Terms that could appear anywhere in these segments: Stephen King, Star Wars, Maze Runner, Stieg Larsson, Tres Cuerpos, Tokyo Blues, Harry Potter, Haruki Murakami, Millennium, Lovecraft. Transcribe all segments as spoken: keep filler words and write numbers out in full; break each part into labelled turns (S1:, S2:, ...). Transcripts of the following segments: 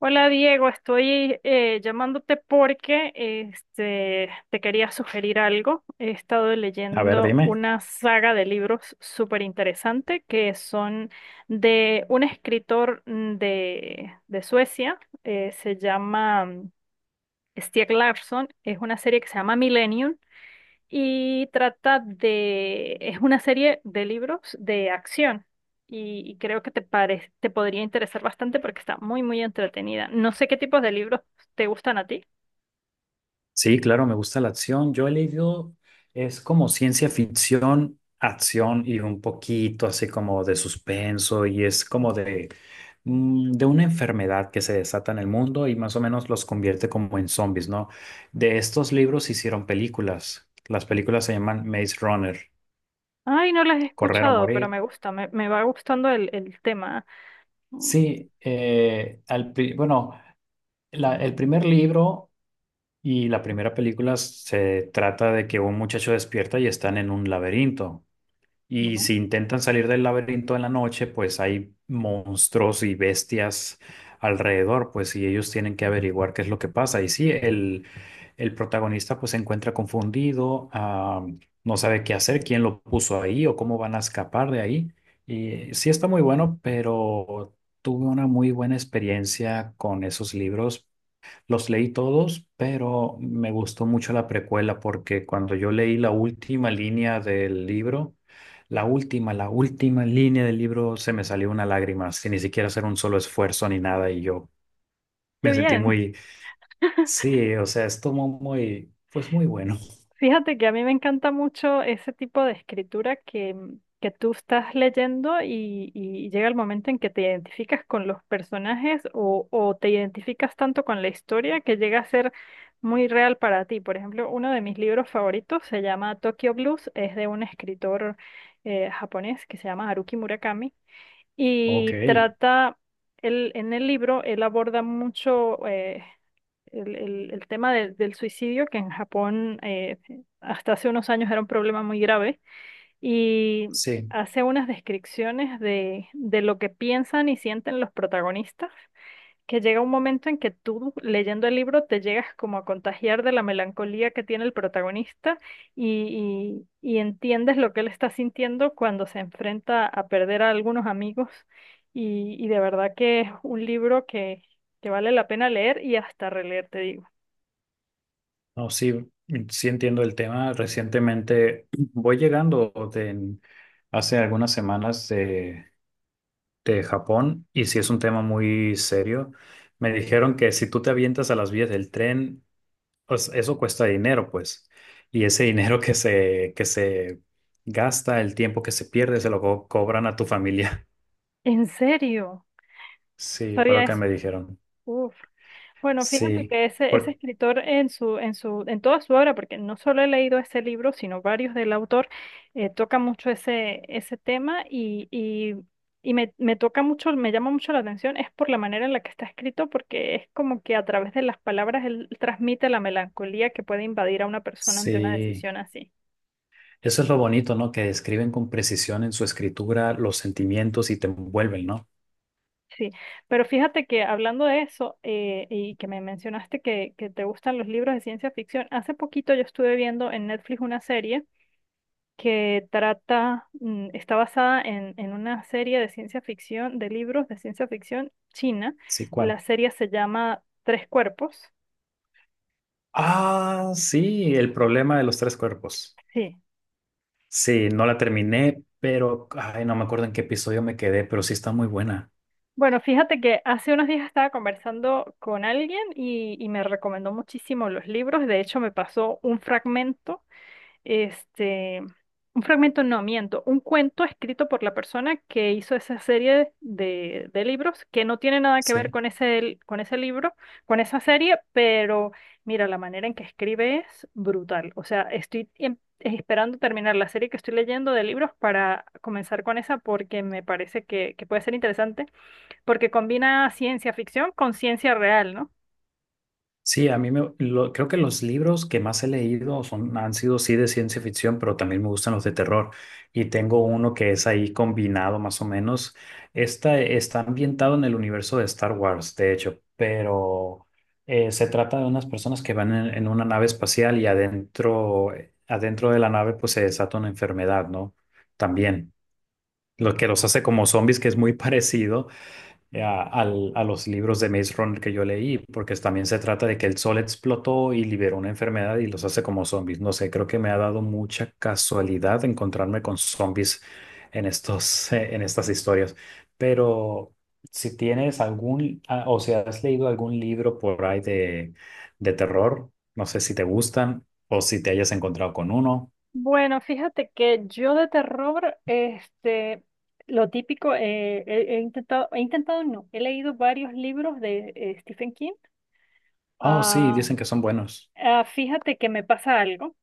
S1: Hola Diego, estoy eh, llamándote porque este, te quería sugerir algo. He estado
S2: A ver,
S1: leyendo
S2: dime.
S1: una saga de libros súper interesante que son de un escritor mm, de, de Suecia, eh, se llama mm, Stieg Larsson, es una serie que se llama Millennium y trata de, es una serie de libros de acción y, y creo que te pare- te podría interesar bastante porque está muy, muy entretenida. No sé qué tipos de libros te gustan a ti.
S2: Sí, claro, me gusta la acción. Yo he leído, es como ciencia ficción, acción y un poquito así como de suspenso y es como de, mm, de una enfermedad que se desata en el mundo y más o menos los convierte como en zombies, ¿no? De estos libros se hicieron películas. Las películas se llaman Maze Runner,
S1: Ay, no las he
S2: Correr o
S1: escuchado, pero
S2: Morir.
S1: me gusta, me, me va gustando el, el tema. Mm.
S2: Sí, eh, al pri- bueno, la- el primer libro. Y la primera película se trata de que un muchacho despierta y están en un laberinto. Y
S1: Ujú.
S2: si intentan salir del laberinto en la noche, pues hay monstruos y bestias alrededor, pues y ellos tienen que averiguar qué es lo que pasa. Y sí, el, el protagonista pues se encuentra confundido, ah, no sabe qué hacer, quién lo puso ahí o cómo van a escapar de ahí. Y sí está muy bueno, pero tuve una muy buena experiencia con esos libros, los leí todos, pero me gustó mucho la precuela porque cuando yo leí la última línea del libro, la última, la última línea del libro se me salió una lágrima, sin ni siquiera hacer un solo esfuerzo ni nada y yo
S1: Qué
S2: me sentí
S1: bien.
S2: muy, sí, o sea, estuvo muy, pues muy bueno.
S1: Fíjate que a mí me encanta mucho ese tipo de escritura que, mm, que tú estás leyendo y, y llega el momento en que te identificas con los personajes o, o te identificas tanto con la historia que llega a ser muy real para ti. Por ejemplo, uno de mis libros favoritos se llama Tokyo Blues, es de un escritor eh, japonés que se llama Haruki Murakami
S2: Ok,
S1: y trata, él, en el libro, él aborda mucho... eh, el, el- el tema de- del suicidio, que en Japón eh, hasta hace unos años era un problema muy grave, y
S2: sí,
S1: hace unas descripciones de, de lo que piensan y sienten los protagonistas, que llega un momento en que tú leyendo el libro te llegas como a contagiar de la melancolía que tiene el protagonista y, y y entiendes lo que él está sintiendo cuando se enfrenta a perder a algunos amigos. Y, y de verdad que es un libro que, que vale la pena leer y hasta releer, te digo.
S2: no, sí, sí entiendo el tema. Recientemente voy llegando de, hace algunas semanas de Japón y si es un tema muy serio. Me dijeron que si tú te avientas a las vías del tren, pues eso cuesta dinero, pues. Y ese dinero que se, que se gasta, el tiempo que se pierde, se lo co- cobran a tu familia.
S1: ¿En serio? No
S2: Sí, fue
S1: sabía
S2: lo que
S1: eso.
S2: me dijeron.
S1: Uf. Bueno, fíjate
S2: Sí,
S1: que ese, ese
S2: por-
S1: escritor en su, en su, en toda su obra, porque no solo he leído ese libro, sino varios del autor, eh, toca mucho ese, ese tema y, y, y me, me toca mucho, me llama mucho la atención, es por la manera en la que está escrito, porque es como que a través de las palabras él transmite la melancolía que puede invadir a una persona ante una
S2: sí.
S1: decisión así.
S2: Eso es lo bonito, ¿no? Que describen con precisión en su escritura los sentimientos y te envuelven, ¿no?
S1: Sí, pero fíjate que hablando de eso eh, y que me mencionaste que, que te gustan los libros de ciencia ficción, hace poquito yo estuve viendo en Netflix una serie que trata, mm, está basada en, en una serie de ciencia ficción, de libros de ciencia ficción china.
S2: Sí, ¿cuál?
S1: La serie se llama Tres Cuerpos.
S2: Ah, sí, el problema de los tres cuerpos.
S1: Sí.
S2: Sí, no la terminé, pero ay, no me acuerdo en qué episodio me quedé, pero sí está muy buena.
S1: Bueno, fíjate que hace unos días estaba conversando con alguien y, y me recomendó muchísimo los libros. De hecho, me pasó un fragmento. Este, un fragmento, no, miento, un cuento escrito por la persona que hizo esa serie de, de libros que no tiene nada que ver
S2: Sí,
S1: con ese, con ese libro, con esa serie, pero mira, la manera en que escribe es brutal. O sea, estoy em- esperando terminar la serie que estoy leyendo de libros para comenzar con esa porque me parece que, que puede ser interesante, porque combina ciencia ficción con ciencia real, ¿no?
S2: sí, a mí me lo- creo que los libros que más he leído son, han sido sí de ciencia ficción, pero también me gustan los de terror. Y tengo uno que es ahí combinado más o menos. Esta está ambientado en el universo de Star Wars, de hecho, pero eh, se trata de unas personas que van en, en una nave espacial y adentro, adentro de la nave pues se desata una enfermedad, ¿no? También. Lo que los hace como zombies, que es muy parecido eh, a, al- a los libros de Maze Runner que yo leí, porque también se trata de que el sol explotó y liberó una enfermedad y los hace como zombies. No sé, creo que me ha dado mucha casualidad encontrarme con zombies en estos, eh, en estas historias. Pero si tienes algún, ah, o si has leído algún libro por ahí de, de terror, no sé si te gustan o si te hayas encontrado con uno.
S1: Bueno, fíjate que yo de terror, este, lo típico, eh, he, he intentado, he intentado no, he leído varios libros de eh, Stephen King.
S2: Oh, sí,
S1: Ah,
S2: dicen que son buenos.
S1: ah, fíjate que me pasa algo,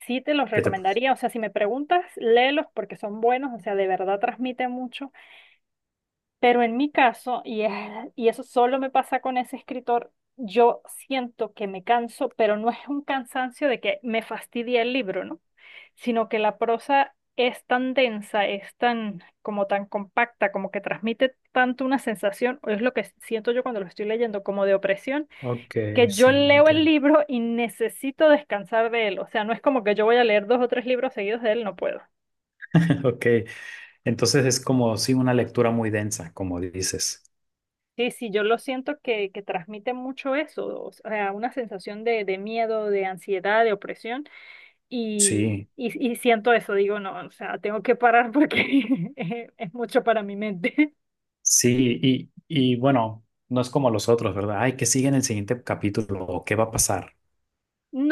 S1: sí te los
S2: ¿Qué te...
S1: recomendaría, o sea, si me preguntas, léelos porque son buenos, o sea, de verdad transmite mucho. Pero en mi caso, y, es- y eso solo me pasa con ese escritor, yo siento que me canso, pero no es un cansancio de que me fastidia el libro, ¿no? Sino que la prosa es tan densa, es tan como tan compacta, como que transmite tanto una sensación, o es lo que siento yo cuando lo estoy leyendo, como de opresión,
S2: Ok,
S1: que yo
S2: sí,
S1: leo el
S2: entiendo.
S1: libro y necesito descansar de él. O sea, no es como que yo voy a leer dos o tres libros seguidos de él, no puedo.
S2: Ok, entonces es como sí una lectura muy densa, como dices.
S1: Sí, sí, yo lo siento que, que transmite mucho eso, o sea, una sensación de, de miedo, de ansiedad, de opresión, y,
S2: Sí,
S1: y, y siento eso, digo, no, o sea, tengo que parar porque es, es mucho para mi mente.
S2: sí, y, y bueno, no es como los otros, ¿verdad? Ay, que sigue en el siguiente capítulo o qué va a pasar,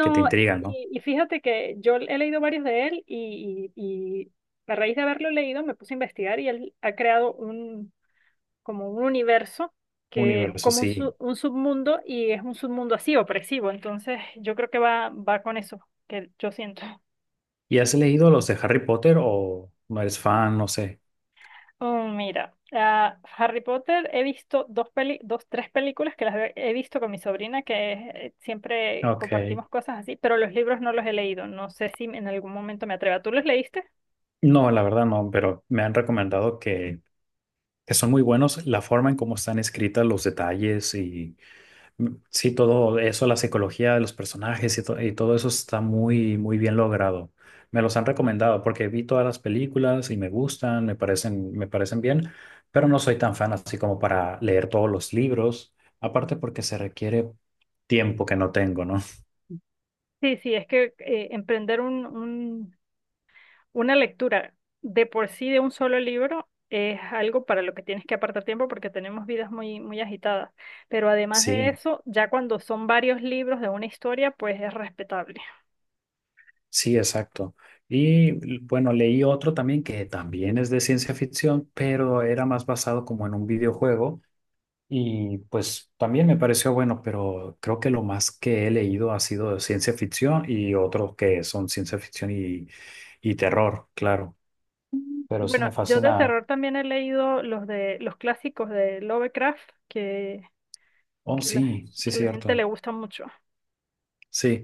S2: que te intrigan, ¿no?
S1: y, y fíjate que yo he leído varios de él y, y, y a raíz de haberlo leído me puse a investigar y él ha creado un, como un universo que es
S2: Universo,
S1: como un, su-
S2: sí.
S1: un submundo y es un submundo así, opresivo, entonces yo creo que va, va con eso que yo siento.
S2: ¿Y has leído los de Harry Potter o no eres fan? No sé.
S1: Oh, mira, ah, Harry Potter he visto dos peli, dos, tres películas que las he he visto con mi sobrina, que eh, siempre
S2: Ok.
S1: compartimos cosas así, pero los libros no los he leído. No sé si en algún momento me atreva. ¿Tú los leíste?
S2: No, la verdad no, pero me han recomendado que, que son muy buenos la forma en cómo están escritas los detalles y sí, todo eso, la psicología de los personajes y, to- y todo eso está muy, muy bien logrado. Me los han recomendado porque vi todas las películas y me gustan, me parecen, me parecen bien, pero no soy tan fan así como para leer todos los libros, aparte porque se requiere tiempo que no tengo, ¿no?
S1: Sí, sí, es que eh, emprender un, un- una lectura de por sí de un solo libro es algo para lo que tienes que apartar tiempo porque tenemos vidas muy, muy agitadas. Pero además de
S2: Sí,
S1: eso, ya cuando son varios libros de una historia, pues es respetable.
S2: sí, exacto. Y l- bueno, leí otro también que también es de ciencia ficción, pero era más basado como en un videojuego. Y pues también me pareció bueno, pero creo que lo más que he leído ha sido de ciencia ficción y otros que son ciencia ficción y, y terror, claro. Pero sí
S1: Bueno,
S2: me
S1: yo de
S2: fascina.
S1: terror también he leído los de los clásicos de Lovecraft que,
S2: Oh,
S1: que la,
S2: sí, sí,
S1: que la gente le
S2: cierto.
S1: gusta mucho.
S2: Sí,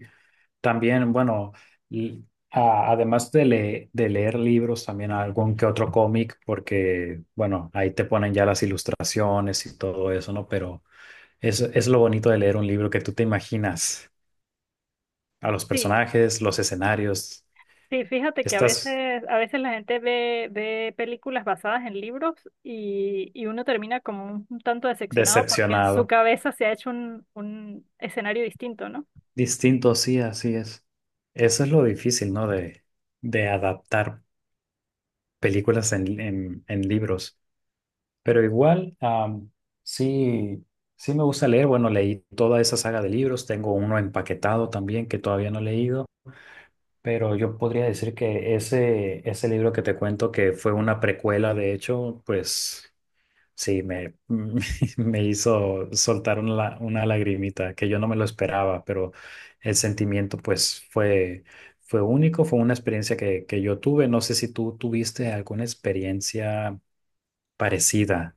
S2: también, bueno, l- a- además de, le- de leer libros, también algún que otro cómic, porque, bueno, ahí te ponen ya las ilustraciones y todo eso, ¿no? Pero es, es lo bonito de leer un libro que tú te imaginas a los
S1: Sí,
S2: personajes, los escenarios.
S1: sí, fíjate que a
S2: Estás
S1: veces, a veces la gente ve, ve películas basadas en libros y, y uno termina como un, un tanto decepcionado porque en su
S2: decepcionado.
S1: cabeza se ha hecho un, un escenario distinto, ¿no?
S2: Distinto, sí, así es. Eso es lo difícil, ¿no? De, de adaptar películas en, en- en libros. Pero igual, am, sí, sí me gusta leer. Bueno, leí toda esa saga de libros. Tengo uno empaquetado también que todavía no he leído. Pero yo podría decir que ese, ese libro que te cuento, que fue una precuela, de hecho, pues sí, me, me hizo soltar una, una lagrimita que yo no me lo esperaba, pero el sentimiento pues fue, fue único, fue una experiencia que, que yo tuve. No sé si tú tuviste alguna experiencia parecida,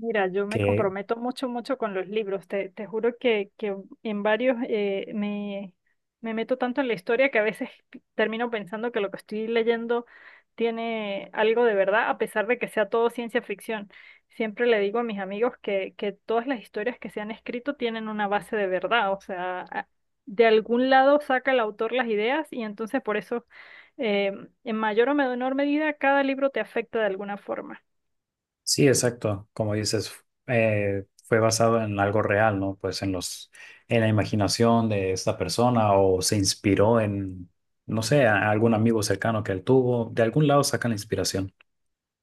S1: Mira, yo me
S2: que
S1: comprometo mucho, mucho con los libros. Te, te juro que, que en varios eh, me, me meto tanto en la historia que a veces termino pensando que lo que estoy leyendo tiene algo de verdad, a pesar de que sea todo ciencia ficción. Siempre le digo a mis amigos que, que todas las historias que se han escrito tienen una base de verdad, o sea, a- de algún lado saca el autor las ideas y entonces por eso, eh, en mayor o menor medida, cada libro te afecta de alguna forma.
S2: sí, exacto, como dices, eh, fue basado en algo real, ¿no? Pues en los, en la imaginación de esta persona o se inspiró en, no sé, a- a algún amigo cercano que él tuvo. De algún lado sacan la inspiración.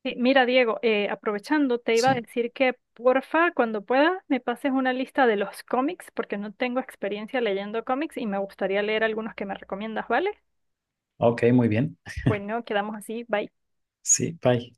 S1: Sí, mira, Diego, eh, aprovechando, te iba a
S2: Sí.
S1: decir que porfa, cuando puedas, me pases una lista de los cómics, porque no tengo experiencia leyendo cómics y me gustaría leer algunos que me recomiendas, ¿vale?
S2: Ok, muy bien.
S1: Bueno, quedamos así, bye.
S2: Sí, bye.